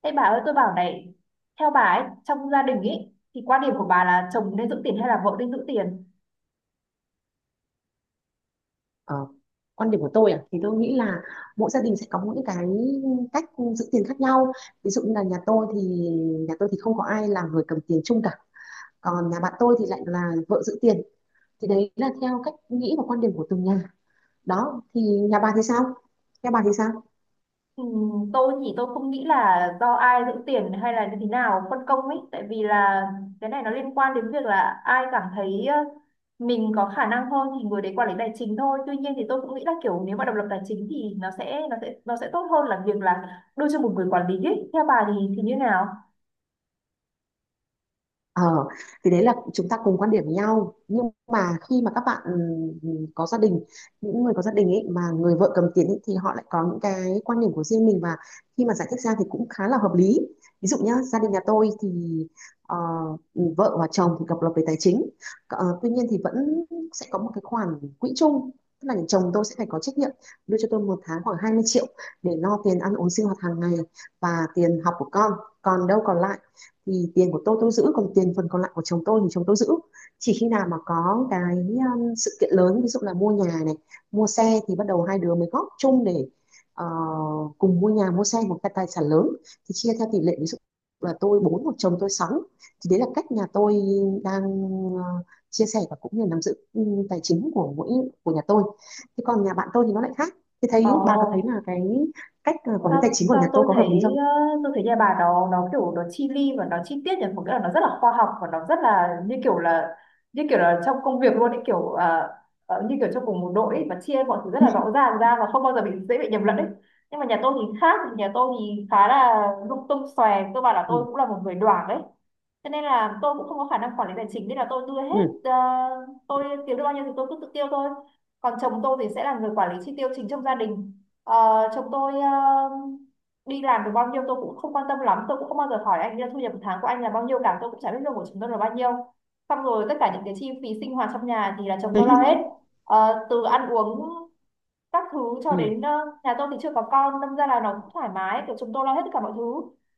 Ê bà ơi, tôi bảo này. Theo bà ấy, trong gia đình ấy, thì quan điểm của bà là chồng nên giữ tiền hay là vợ nên giữ tiền? Ờ, quan điểm của tôi à thì tôi nghĩ là mỗi gia đình sẽ có những cái cách giữ tiền khác nhau. Ví dụ như là nhà tôi thì không có ai là người cầm tiền chung cả, còn nhà bạn tôi thì lại là vợ giữ tiền. Thì đấy là theo cách nghĩ và quan điểm của từng nhà đó. Thì nhà bà thì sao nhà bà thì sao? Tôi thì tôi không nghĩ là do ai giữ tiền hay là như thế nào phân công ấy. Tại vì là cái này nó liên quan đến việc là ai cảm thấy mình có khả năng hơn thì người đấy quản lý tài chính thôi. Tuy nhiên thì tôi cũng nghĩ là kiểu nếu mà độc lập tài chính thì nó sẽ tốt hơn là việc là đưa cho một người quản lý ấy. Theo bà thì như nào? Ờ, thì đấy là chúng ta cùng quan điểm với nhau, nhưng mà khi mà các bạn có gia đình, những người có gia đình ấy mà người vợ cầm tiền ấy, thì họ lại có những cái quan điểm của riêng mình, và khi mà giải thích ra thì cũng khá là hợp lý. Ví dụ nhá, gia đình nhà tôi thì ờ, vợ và chồng thì độc lập về tài chính. Ờ, tuy nhiên thì vẫn sẽ có một cái khoản quỹ chung, tức là chồng tôi sẽ phải có trách nhiệm đưa cho tôi một tháng khoảng 20 triệu để lo tiền ăn uống sinh hoạt hàng ngày và tiền học của con. Còn đâu còn lại thì tiền của tôi giữ, còn tiền phần còn lại của chồng tôi thì chồng tôi giữ. Chỉ khi nào mà có cái sự kiện lớn, ví dụ là mua nhà này, mua xe, thì bắt đầu hai đứa mới góp chung để ờ, cùng mua nhà mua xe, một cái tài sản lớn thì chia theo tỷ lệ, ví dụ là tôi bốn một chồng tôi sáu. Thì đấy là cách nhà tôi đang ờ, chia sẻ và cũng như nắm giữ tài chính của mỗi của nhà tôi. Thế còn nhà bạn tôi thì nó lại khác. Thì thấy Ồ, bà có thấy là cái cách quản lý sao? tài chính của nhà Sao tôi tôi có hợp lý thấy, không? ờ, tôi thấy nhà bà nó kiểu nó chi li và nó chi tiết nhỉ, một cái là nó rất là khoa học và nó rất là như kiểu là trong công việc luôn ấy, kiểu như kiểu trong cùng một đội ấy, và chia mọi thứ rất là rõ ràng ra và không bao giờ bị, dễ bị nhầm lẫn ấy. Nhưng mà nhà tôi thì khác, nhà tôi thì khá là lung tung xòe. Tôi bảo là Ừ. tôi cũng là một người đoảng đấy, cho nên là tôi cũng không có khả năng quản lý tài chính, nên là tôi đưa hết. Ừ. ờ, tôi kiếm được bao nhiêu thì tôi cứ tự tiêu thôi, còn chồng tôi thì sẽ là người quản lý chi tiêu chính trong gia đình. Ờ, Chồng tôi đi làm được bao nhiêu tôi cũng không quan tâm lắm, tôi cũng không bao giờ hỏi anh là thu nhập một tháng của anh là bao nhiêu cả, tôi cũng chả biết lương của chúng tôi là bao nhiêu. Xong rồi tất cả những cái chi phí sinh hoạt trong nhà thì là chồng tôi lo hết. Từ ăn uống các thứ cho Ừ. đến nhà tôi thì chưa có con, đâm ra là nó cũng thoải mái, kiểu chúng tôi lo hết tất cả mọi thứ.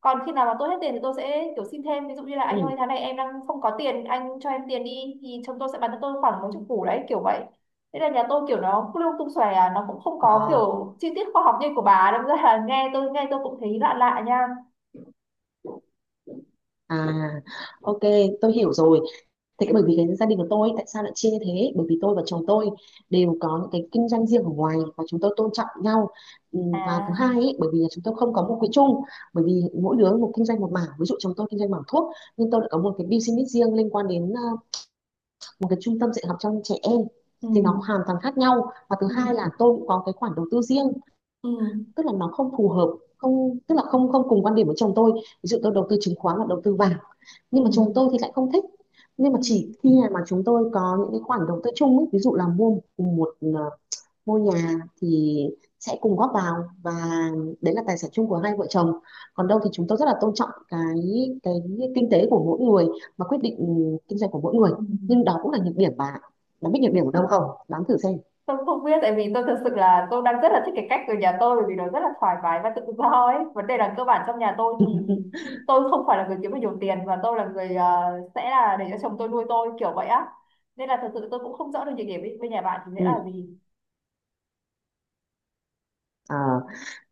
Còn khi nào mà tôi hết tiền thì tôi sẽ kiểu xin thêm, ví dụ như là anh ơi Ừ. tháng này em đang không có tiền anh cho em tiền đi, thì chồng tôi sẽ bán cho tôi khoảng mấy chục củ đấy, kiểu vậy. Thế là nhà tôi kiểu nó lung tung xòe à, nó cũng không có À. kiểu chi tiết khoa học như của bà, đâm ra là nghe tôi cũng thấy lạ lạ nha. À, ok, tôi hiểu rồi. Thế cái bởi vì cái gia đình của tôi tại sao lại chia như thế? Bởi vì tôi và chồng tôi đều có những cái kinh doanh riêng ở ngoài và chúng tôi tôn trọng nhau. Ừ. Và thứ À. hai ấy, bởi vì là chúng tôi không có một quỹ chung, bởi vì mỗi đứa một kinh doanh một mảng. Ví dụ chồng tôi kinh doanh mảng thuốc, nhưng tôi lại có một cái business riêng liên quan đến một cái trung tâm dạy học cho trẻ em. Thì nó Ừ. hoàn toàn khác nhau. Và thứ Ừ. hai là tôi cũng có cái khoản đầu tư riêng, Ừ. tức là nó không phù hợp, không tức là không không cùng quan điểm với chồng tôi. Ví dụ tôi đầu tư chứng khoán và đầu tư vàng Ừ. nhưng mà chồng tôi thì lại không thích. Nhưng mà Ừ. chỉ khi mà chúng tôi có những cái khoản đầu tư chung ấy, ví dụ là mua cùng một ngôi nhà thì sẽ cùng góp vào, và đấy là tài sản chung của hai vợ chồng. Còn đâu thì chúng tôi rất là tôn trọng cái cái kinh tế của mỗi người, mà quyết định kinh doanh của mỗi người. Ừ. Nhưng đó cũng là nhược điểm. Bạn bạn biết Ừ. nhược điểm của đâu không? Đoán thử xem. Tôi không biết, tại vì tôi thực sự là tôi đang rất là thích cái cách ở nhà tôi bởi vì nó rất là thoải mái và tự do ấy. Vấn đề là cơ bản trong nhà tôi thì tôi không phải là người kiếm được nhiều tiền, và tôi là người sẽ là để cho chồng tôi nuôi tôi kiểu vậy á. Nên là thật sự tôi cũng không rõ được nhược điểm bên bên nhà bạn thì sẽ là Ừ. gì. Ờ,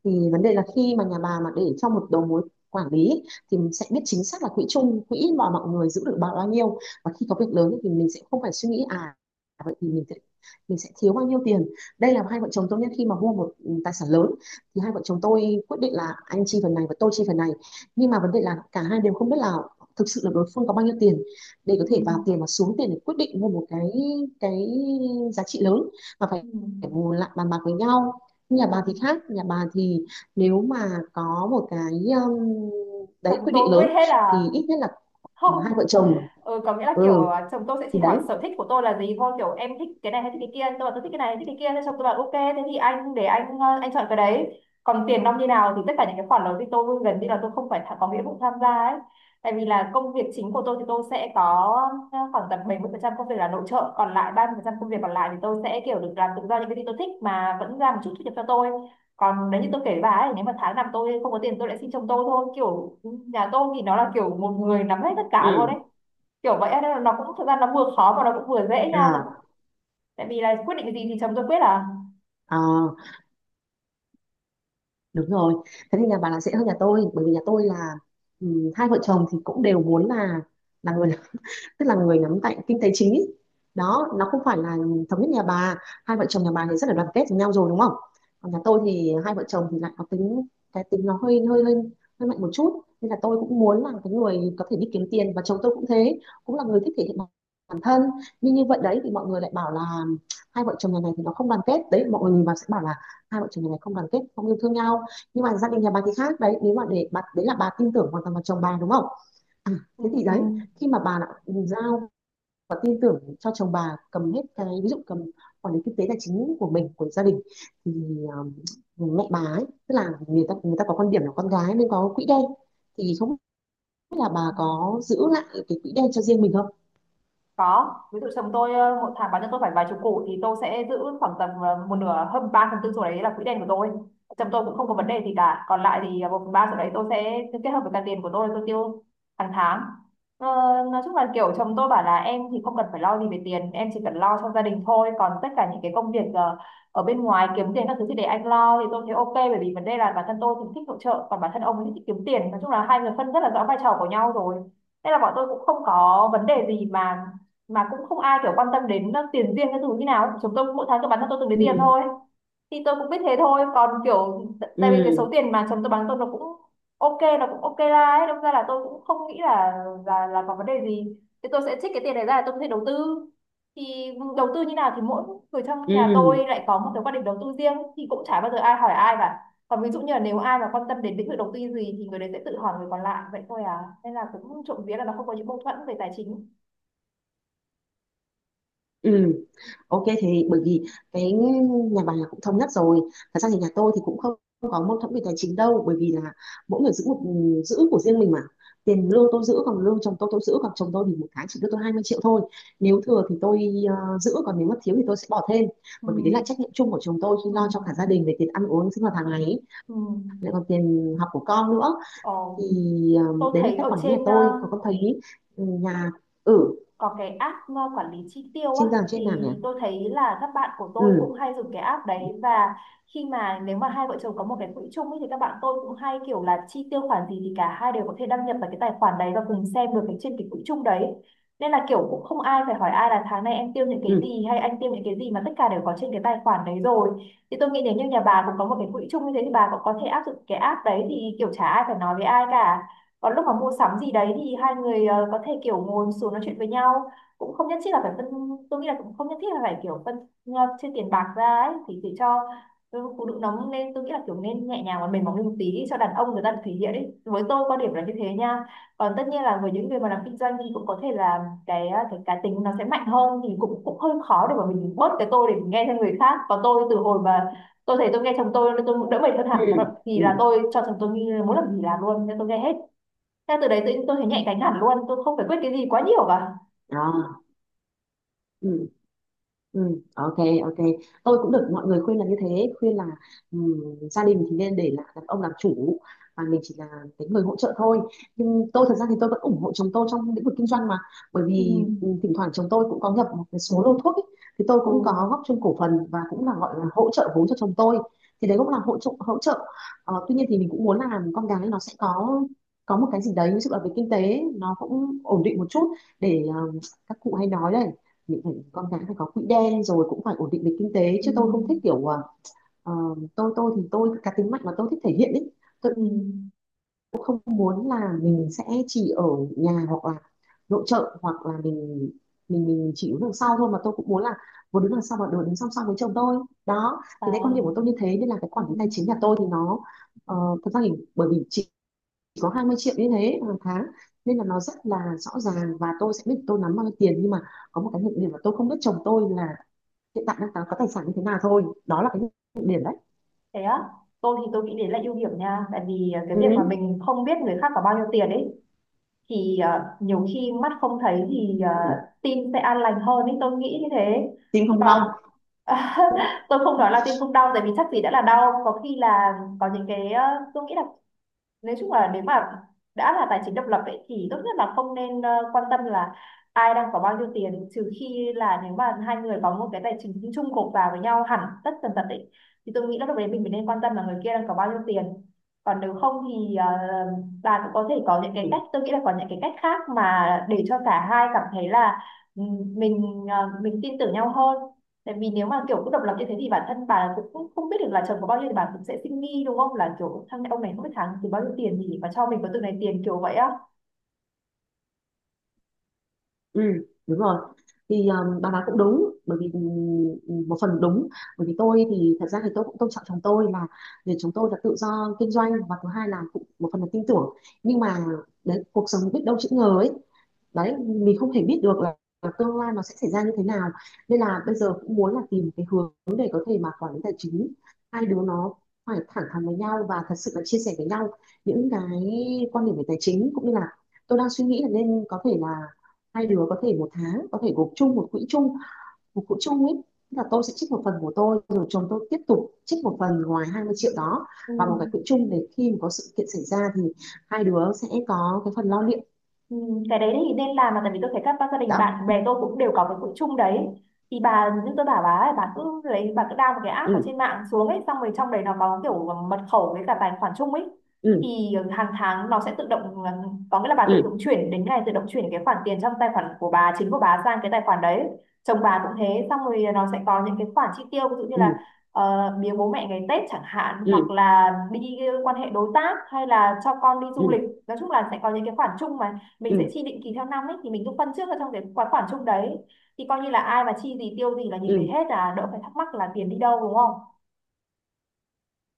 thì vấn đề là khi mà nhà bà mà để trong một đầu mối quản lý ấy, thì mình sẽ biết chính xác là quỹ chung, quỹ mà mọi người giữ được bao bao nhiêu, và khi có việc lớn ấy, thì mình sẽ không phải suy nghĩ à vậy thì mình sẽ thiếu bao nhiêu tiền. Đây là hai vợ chồng tôi nhé, khi mà mua một tài sản lớn, thì hai vợ chồng tôi quyết định là anh chi phần này và tôi chi phần này. Nhưng mà vấn đề là cả hai đều không biết là thực sự là đối phương có bao nhiêu tiền để có Ừ. thể vào tiền và xuống tiền để quyết định mua một cái giá trị lớn mà phải Ừ. phải ngồi lại bàn bạc với nhau. Nhà Ừ. bà thì khác, nhà bà thì nếu mà có một cái um, Chồng đấy quyết định tôi quyết lớn hết là thì ít nhất là mà không. hai vợ chồng Ừ, có nghĩa là kiểu Ừ, à, chồng tôi sẽ thì chỉ hỏi đấy. sở thích của tôi là gì thôi, kiểu em thích cái này hay thích cái kia, tôi bảo tôi thích cái này thích cái kia, thế chồng tôi bảo ok thế thì anh để anh, anh chọn cái đấy, còn tiền nong như nào thì tất cả những cái khoản đó thì tôi gần như là tôi không phải có nghĩa vụ tham gia ấy. Tại vì là công việc chính của tôi thì tôi sẽ có khoảng tầm 70% công việc là nội trợ, còn lại 30% công việc còn lại thì tôi sẽ kiểu được làm tự do những cái gì tôi thích mà vẫn ra một chút thu nhập cho tôi. Còn nếu như tôi kể với bà ấy, nếu mà tháng nào tôi không có tiền tôi lại xin chồng tôi thôi, kiểu ừ, nhà tôi thì nó là kiểu một người nắm hết tất cả luôn ấy, Ừ. kiểu vậy á. Nên là nó cũng thực ra nó vừa khó mà nó cũng vừa dễ nha, À. tại vì là quyết định gì thì chấm rồi quyết à. À đúng rồi. Thế thì nhà bà là sẽ hơn nhà tôi, bởi vì nhà tôi là hai vợ chồng thì cũng đều muốn là người tức là người nắm tay kinh tế chính ý. Đó nó không phải là thống nhất. Nhà bà, hai vợ chồng nhà bà thì rất là đoàn kết với nhau rồi đúng không? Còn nhà tôi thì hai vợ chồng thì lại có tính, cái tính nó hơi hơi hơi hơi mạnh một chút, nên là tôi cũng muốn là cái người có thể đi kiếm tiền, và chồng tôi cũng thế, cũng là người thích thể hiện bản bản thân. Nhưng như vậy đấy thì mọi người lại bảo là hai vợ chồng nhà này thì nó không đoàn kết. Đấy, mọi người nhìn vào sẽ bảo là hai vợ chồng nhà này không đoàn kết, không yêu thương nhau. Nhưng mà gia đình nhà bà thì khác đấy, nếu mà để bà đấy là bà tin tưởng hoàn toàn vào chồng bà đúng không? Thế thì đấy, Ừ. khi mà bà đã giao và tin tưởng cho chồng bà cầm hết cái, ví dụ cầm quản lý kinh tế tài chính của mình, của gia đình, thì mẹ bà ấy, tức là người ta có quan điểm là con gái nên có quỹ đen, thì không biết là bà có giữ lại cái quỹ đen cho riêng mình không? Có, ví dụ chồng tôi một tháng bán cho tôi phải vài chục củ, thì tôi sẽ giữ khoảng tầm một nửa hơn, 3 phần tư số đấy là quỹ đen của tôi. Chồng tôi cũng không có vấn đề gì cả, còn lại thì một phần ba số đấy tôi sẽ kết hợp với cả tiền của tôi tiêu hàng tháng. ờ, nói chung là kiểu chồng tôi bảo là em thì không cần phải lo gì về tiền, em chỉ cần lo cho gia đình thôi, còn tất cả những cái công việc ở bên ngoài kiếm tiền các thứ thì để anh lo, thì tôi thấy ok. Bởi vì vấn đề là bản thân tôi thì thích hỗ trợ, còn bản thân ông ấy thì thích kiếm tiền, nói chung là hai người phân rất là rõ vai trò của nhau rồi. Nên là bọn tôi cũng không có vấn đề gì, mà cũng không ai kiểu quan tâm đến tiền riêng cái thứ như nào, chúng tôi mỗi tháng tôi bán cho tôi từng đấy Ừ. tiền thôi. Thì tôi cũng biết thế thôi, còn kiểu tại vì cái Ừ. số tiền mà chồng tôi bán tôi nó cũng ok, nó cũng ok ra ấy, đâm ra là tôi cũng không nghĩ là là có vấn đề gì. Thì tôi sẽ trích cái tiền này ra để tôi có thể đầu tư, thì đầu tư như nào thì mỗi người trong nhà tôi Ừ. lại có một cái quan điểm đầu tư riêng, thì cũng chả bao giờ ai hỏi ai cả. Còn ví dụ như là nếu ai mà quan tâm đến lĩnh vực đầu tư gì thì người đấy sẽ tự hỏi người còn lại vậy thôi à. Nên là cũng trộm vía là nó không có những mâu thuẫn về tài chính. Ừ. Ok, thì bởi vì cái nhà bà là cũng thống nhất rồi. Thật ra thì nhà tôi thì cũng không có mâu thuẫn về tài chính đâu, bởi vì là mỗi người giữ giữ của riêng mình mà. Tiền lương tôi giữ, còn lương chồng tôi giữ, còn chồng tôi thì một tháng chỉ đưa tôi 20 triệu thôi. Nếu thừa thì tôi giữ, còn nếu mà thiếu thì tôi sẽ bỏ thêm. Ừ. Bởi vì đấy là trách nhiệm chung của chồng tôi khi Ừ. lo cho cả gia đình về tiền ăn uống sinh hoạt hàng ngày, Ừ. lại còn tiền học của con nữa. Thì Ồ, ờ, tôi đấy là thấy cách ở quản lý nhà trên tôi. Còn con thấy nhà ở có cái app quản lý chi tiêu á. trên giường trên Thì nào nhỉ? tôi thấy là các bạn của tôi cũng Ừ. hay dùng cái app đấy, và khi mà nếu mà hai vợ chồng có một cái quỹ chung ấy, thì các bạn tôi cũng hay kiểu là chi tiêu khoản gì thì cả hai đều có thể đăng nhập vào cái tài khoản đấy và cùng xem được cái trên cái quỹ chung đấy. Nên là kiểu cũng không ai phải hỏi ai là tháng này em tiêu những cái Ừ. gì hay anh tiêu những cái gì, mà tất cả đều có trên cái tài khoản đấy rồi. Thì tôi nghĩ nếu như nhà bà cũng có một cái quỹ chung như thế thì bà cũng có thể áp dụng cái app đấy, thì kiểu chả ai phải nói với ai cả. Còn lúc mà mua sắm gì đấy thì hai người có thể kiểu ngồi xuống nói chuyện với nhau, cũng không nhất thiết là phải phân, tôi nghĩ là cũng không nhất thiết là phải kiểu phân ờ, chia tiền bạc ra ấy, thì để cho ừ, phụ nữ nóng nên tôi nghĩ là kiểu nên nhẹ nhàng và mềm mỏng lên một tí đi, cho đàn ông người ta được thể hiện ấy, với tôi quan điểm là như thế nha. Còn tất nhiên là với những người mà làm kinh doanh thì cũng có thể là cái cái cá tính nó sẽ mạnh hơn, thì cũng cũng hơi khó để mà mình bớt cái tôi để mình nghe theo người khác. Còn tôi từ hồi mà tôi thấy tôi nghe chồng tôi nên tôi đỡ mệt hơn Ừ. hẳn. Thì Ừ. là tôi cho chồng tôi như muốn làm gì làm luôn nên tôi nghe hết theo, từ đấy tự nhiên tôi thấy nhạy cánh hẳn luôn, tôi không phải quyết cái gì quá nhiều cả. Đó. Ừ. Ừ, ok. Ok, tôi cũng được mọi người khuyên là như thế, khuyên là ừm, gia đình thì nên để là đàn ông làm chủ, và mình chỉ là cái người hỗ trợ thôi. Nhưng tôi thật ra thì tôi vẫn ủng hộ chồng tôi trong lĩnh vực kinh doanh mà, bởi Ừ, vì thỉnh thoảng chồng tôi cũng có nhập một cái số lô thuốc ấy, thì tôi ừ, cũng có góp chung cổ phần và cũng là gọi là hỗ trợ vốn cho chồng tôi. Thì đấy cũng là hỗ trợ. Ờ, tuy nhiên thì mình cũng muốn là con gái nó sẽ có một cái gì đấy, ví dụ là về kinh tế nó cũng ổn định một chút, để các cụ hay nói đấy, mình phải con cái phải có quỹ đen, rồi cũng phải ổn định về kinh tế, ừ, chứ tôi không thích kiểu ờ, tôi thì tôi cá tính mạnh mà tôi thích thể hiện ấy. Tôi ừ, cũng không muốn là mình sẽ chỉ ở nhà hoặc là nội trợ, hoặc là mình chỉ đứng đằng sau thôi, mà tôi cũng muốn là vừa đứng đằng sau và vừa đứng song song với chồng tôi. Đó à, thì đấy quan điểm của tôi như thế, nên là cái ừ. quản lý tài chính nhà tôi thì nó ờ, thật ra thì bởi vì chỉ có 20 triệu như thế hàng tháng, nên là nó rất là rõ ràng và tôi sẽ biết tôi nắm bao nhiêu tiền. Nhưng mà có một cái nhược điểm là tôi không biết chồng tôi là hiện tại đang có tài sản như thế nào thôi, đó là cái điểm đấy. Thế á, tôi thì tôi nghĩ đấy là ưu điểm nha. Tại vì à, cái việc mà Ừ. mình không biết người khác có bao nhiêu tiền ấy, thì à, nhiều khi mắt không thấy thì à, Ừ. tim sẽ an lành hơn ấy, tôi nghĩ như thế. Tim không Còn đau. tôi không nói là tim không đau, tại vì chắc gì đã là đau. Có khi là có những cái, à, tôi nghĩ là nói chung là nếu mà đã là tài chính độc lập ấy, thì tốt nhất là không nên quan tâm là ai đang có bao nhiêu tiền, trừ khi là nếu mà hai người có một cái tài chính chung gộp vào với nhau hẳn tất tần tật ấy, thì tôi nghĩ là lúc đấy mình mới nên quan tâm là người kia đang có bao nhiêu tiền. Còn nếu không thì bà cũng có thể có những cái Ừ. cách, tôi nghĩ là có những cái cách khác mà để cho cả hai cảm thấy là ừ, mình mình tin tưởng nhau hơn. Tại vì nếu mà kiểu cứ độc lập như thế thì bản thân bà cũng không biết được là chồng có bao nhiêu, thì bà cũng sẽ suy nghĩ đúng không, là kiểu thằng ông này không biết tháng thì bao nhiêu tiền thì mà cho mình có từng này tiền, kiểu vậy á. Ừ. Đúng rồi, thì bà nói cũng đúng, bởi vì một phần đúng, bởi vì tôi thì thật ra thì tôi cũng tôn trọng chồng tôi, là vì chúng tôi là tự do kinh doanh và thứ hai là cũng một phần là tin tưởng. Nhưng mà đấy, cuộc sống biết đâu chữ ngờ ấy, đấy mình không thể biết được là tương lai nó sẽ xảy ra như thế nào, nên là bây giờ cũng muốn là tìm cái hướng để có thể mà quản lý tài chính. Hai đứa nó phải thẳng thắn với nhau và thật sự là chia sẻ với nhau những cái quan điểm về tài chính, cũng như là tôi đang suy nghĩ là nên có thể là hai đứa có thể một tháng có thể gộp chung một quỹ chung ấy. Tức là tôi sẽ trích một phần của tôi, rồi chồng tôi tiếp tục trích một phần ngoài 20 triệu đó Ừ. vào một cái quỹ chung, để khi mà có sự kiện xảy ra thì hai đứa sẽ có cái phần lo liệu. Ừ, cái đấy thì nên làm mà, tại vì tôi thấy các ba gia đình Đó. bạn bè tôi cũng đều có cái quỹ chung đấy. Thì bà, như tôi bảo bà ấy, bà cứ lấy, bà cứ down một cái app ở Ừ. trên mạng xuống ấy, xong rồi trong đấy nó có kiểu mật khẩu với cả tài khoản chung ấy. Ừ. Thì hàng tháng nó sẽ tự động có nghĩa là bà tự Ừ. động chuyển, đến ngày tự động chuyển cái khoản tiền trong tài khoản của bà chính của bà sang cái tài khoản đấy. Chồng bà cũng thế. Xong rồi nó sẽ có những cái khoản chi tiêu, ví dụ như Ừ. là biếu bố mẹ ngày Tết chẳng hạn, Ừ. hoặc là đi quan hệ đối tác, hay là cho con đi Ừ. du lịch. Nói chung là sẽ có những cái khoản chung mà mình sẽ Ừ. chi định kỳ theo năm ấy, thì mình cứ phân trước vào trong cái khoản khoản chung đấy. Thì coi như là ai mà chi gì tiêu gì là nhìn thấy Ừ. hết, là đỡ phải thắc mắc là tiền đi đâu đúng không.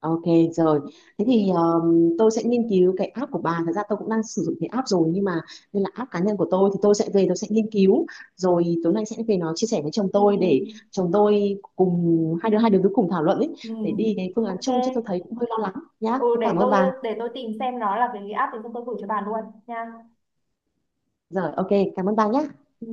Ok, rồi. Thế thì tôi sẽ nghiên cứu cái app của bà. Thật ra tôi cũng đang sử dụng cái app rồi nhưng mà nên là app cá nhân của tôi, thì tôi sẽ về tôi sẽ nghiên cứu, rồi tối nay sẽ về nó chia sẻ với chồng Ừ, tôi để chồng tôi cùng hai đứa cứ cùng thảo luận ấy, ừ, để đi cái phương án ok. chung chứ tôi thấy cũng hơi lo lắng nhá. Ừ, Thế cảm ơn bà. để tôi tìm xem nó là cái app thì tôi gửi cho bà luôn nha. Rồi, ok, cảm ơn bà nhé. Ừ.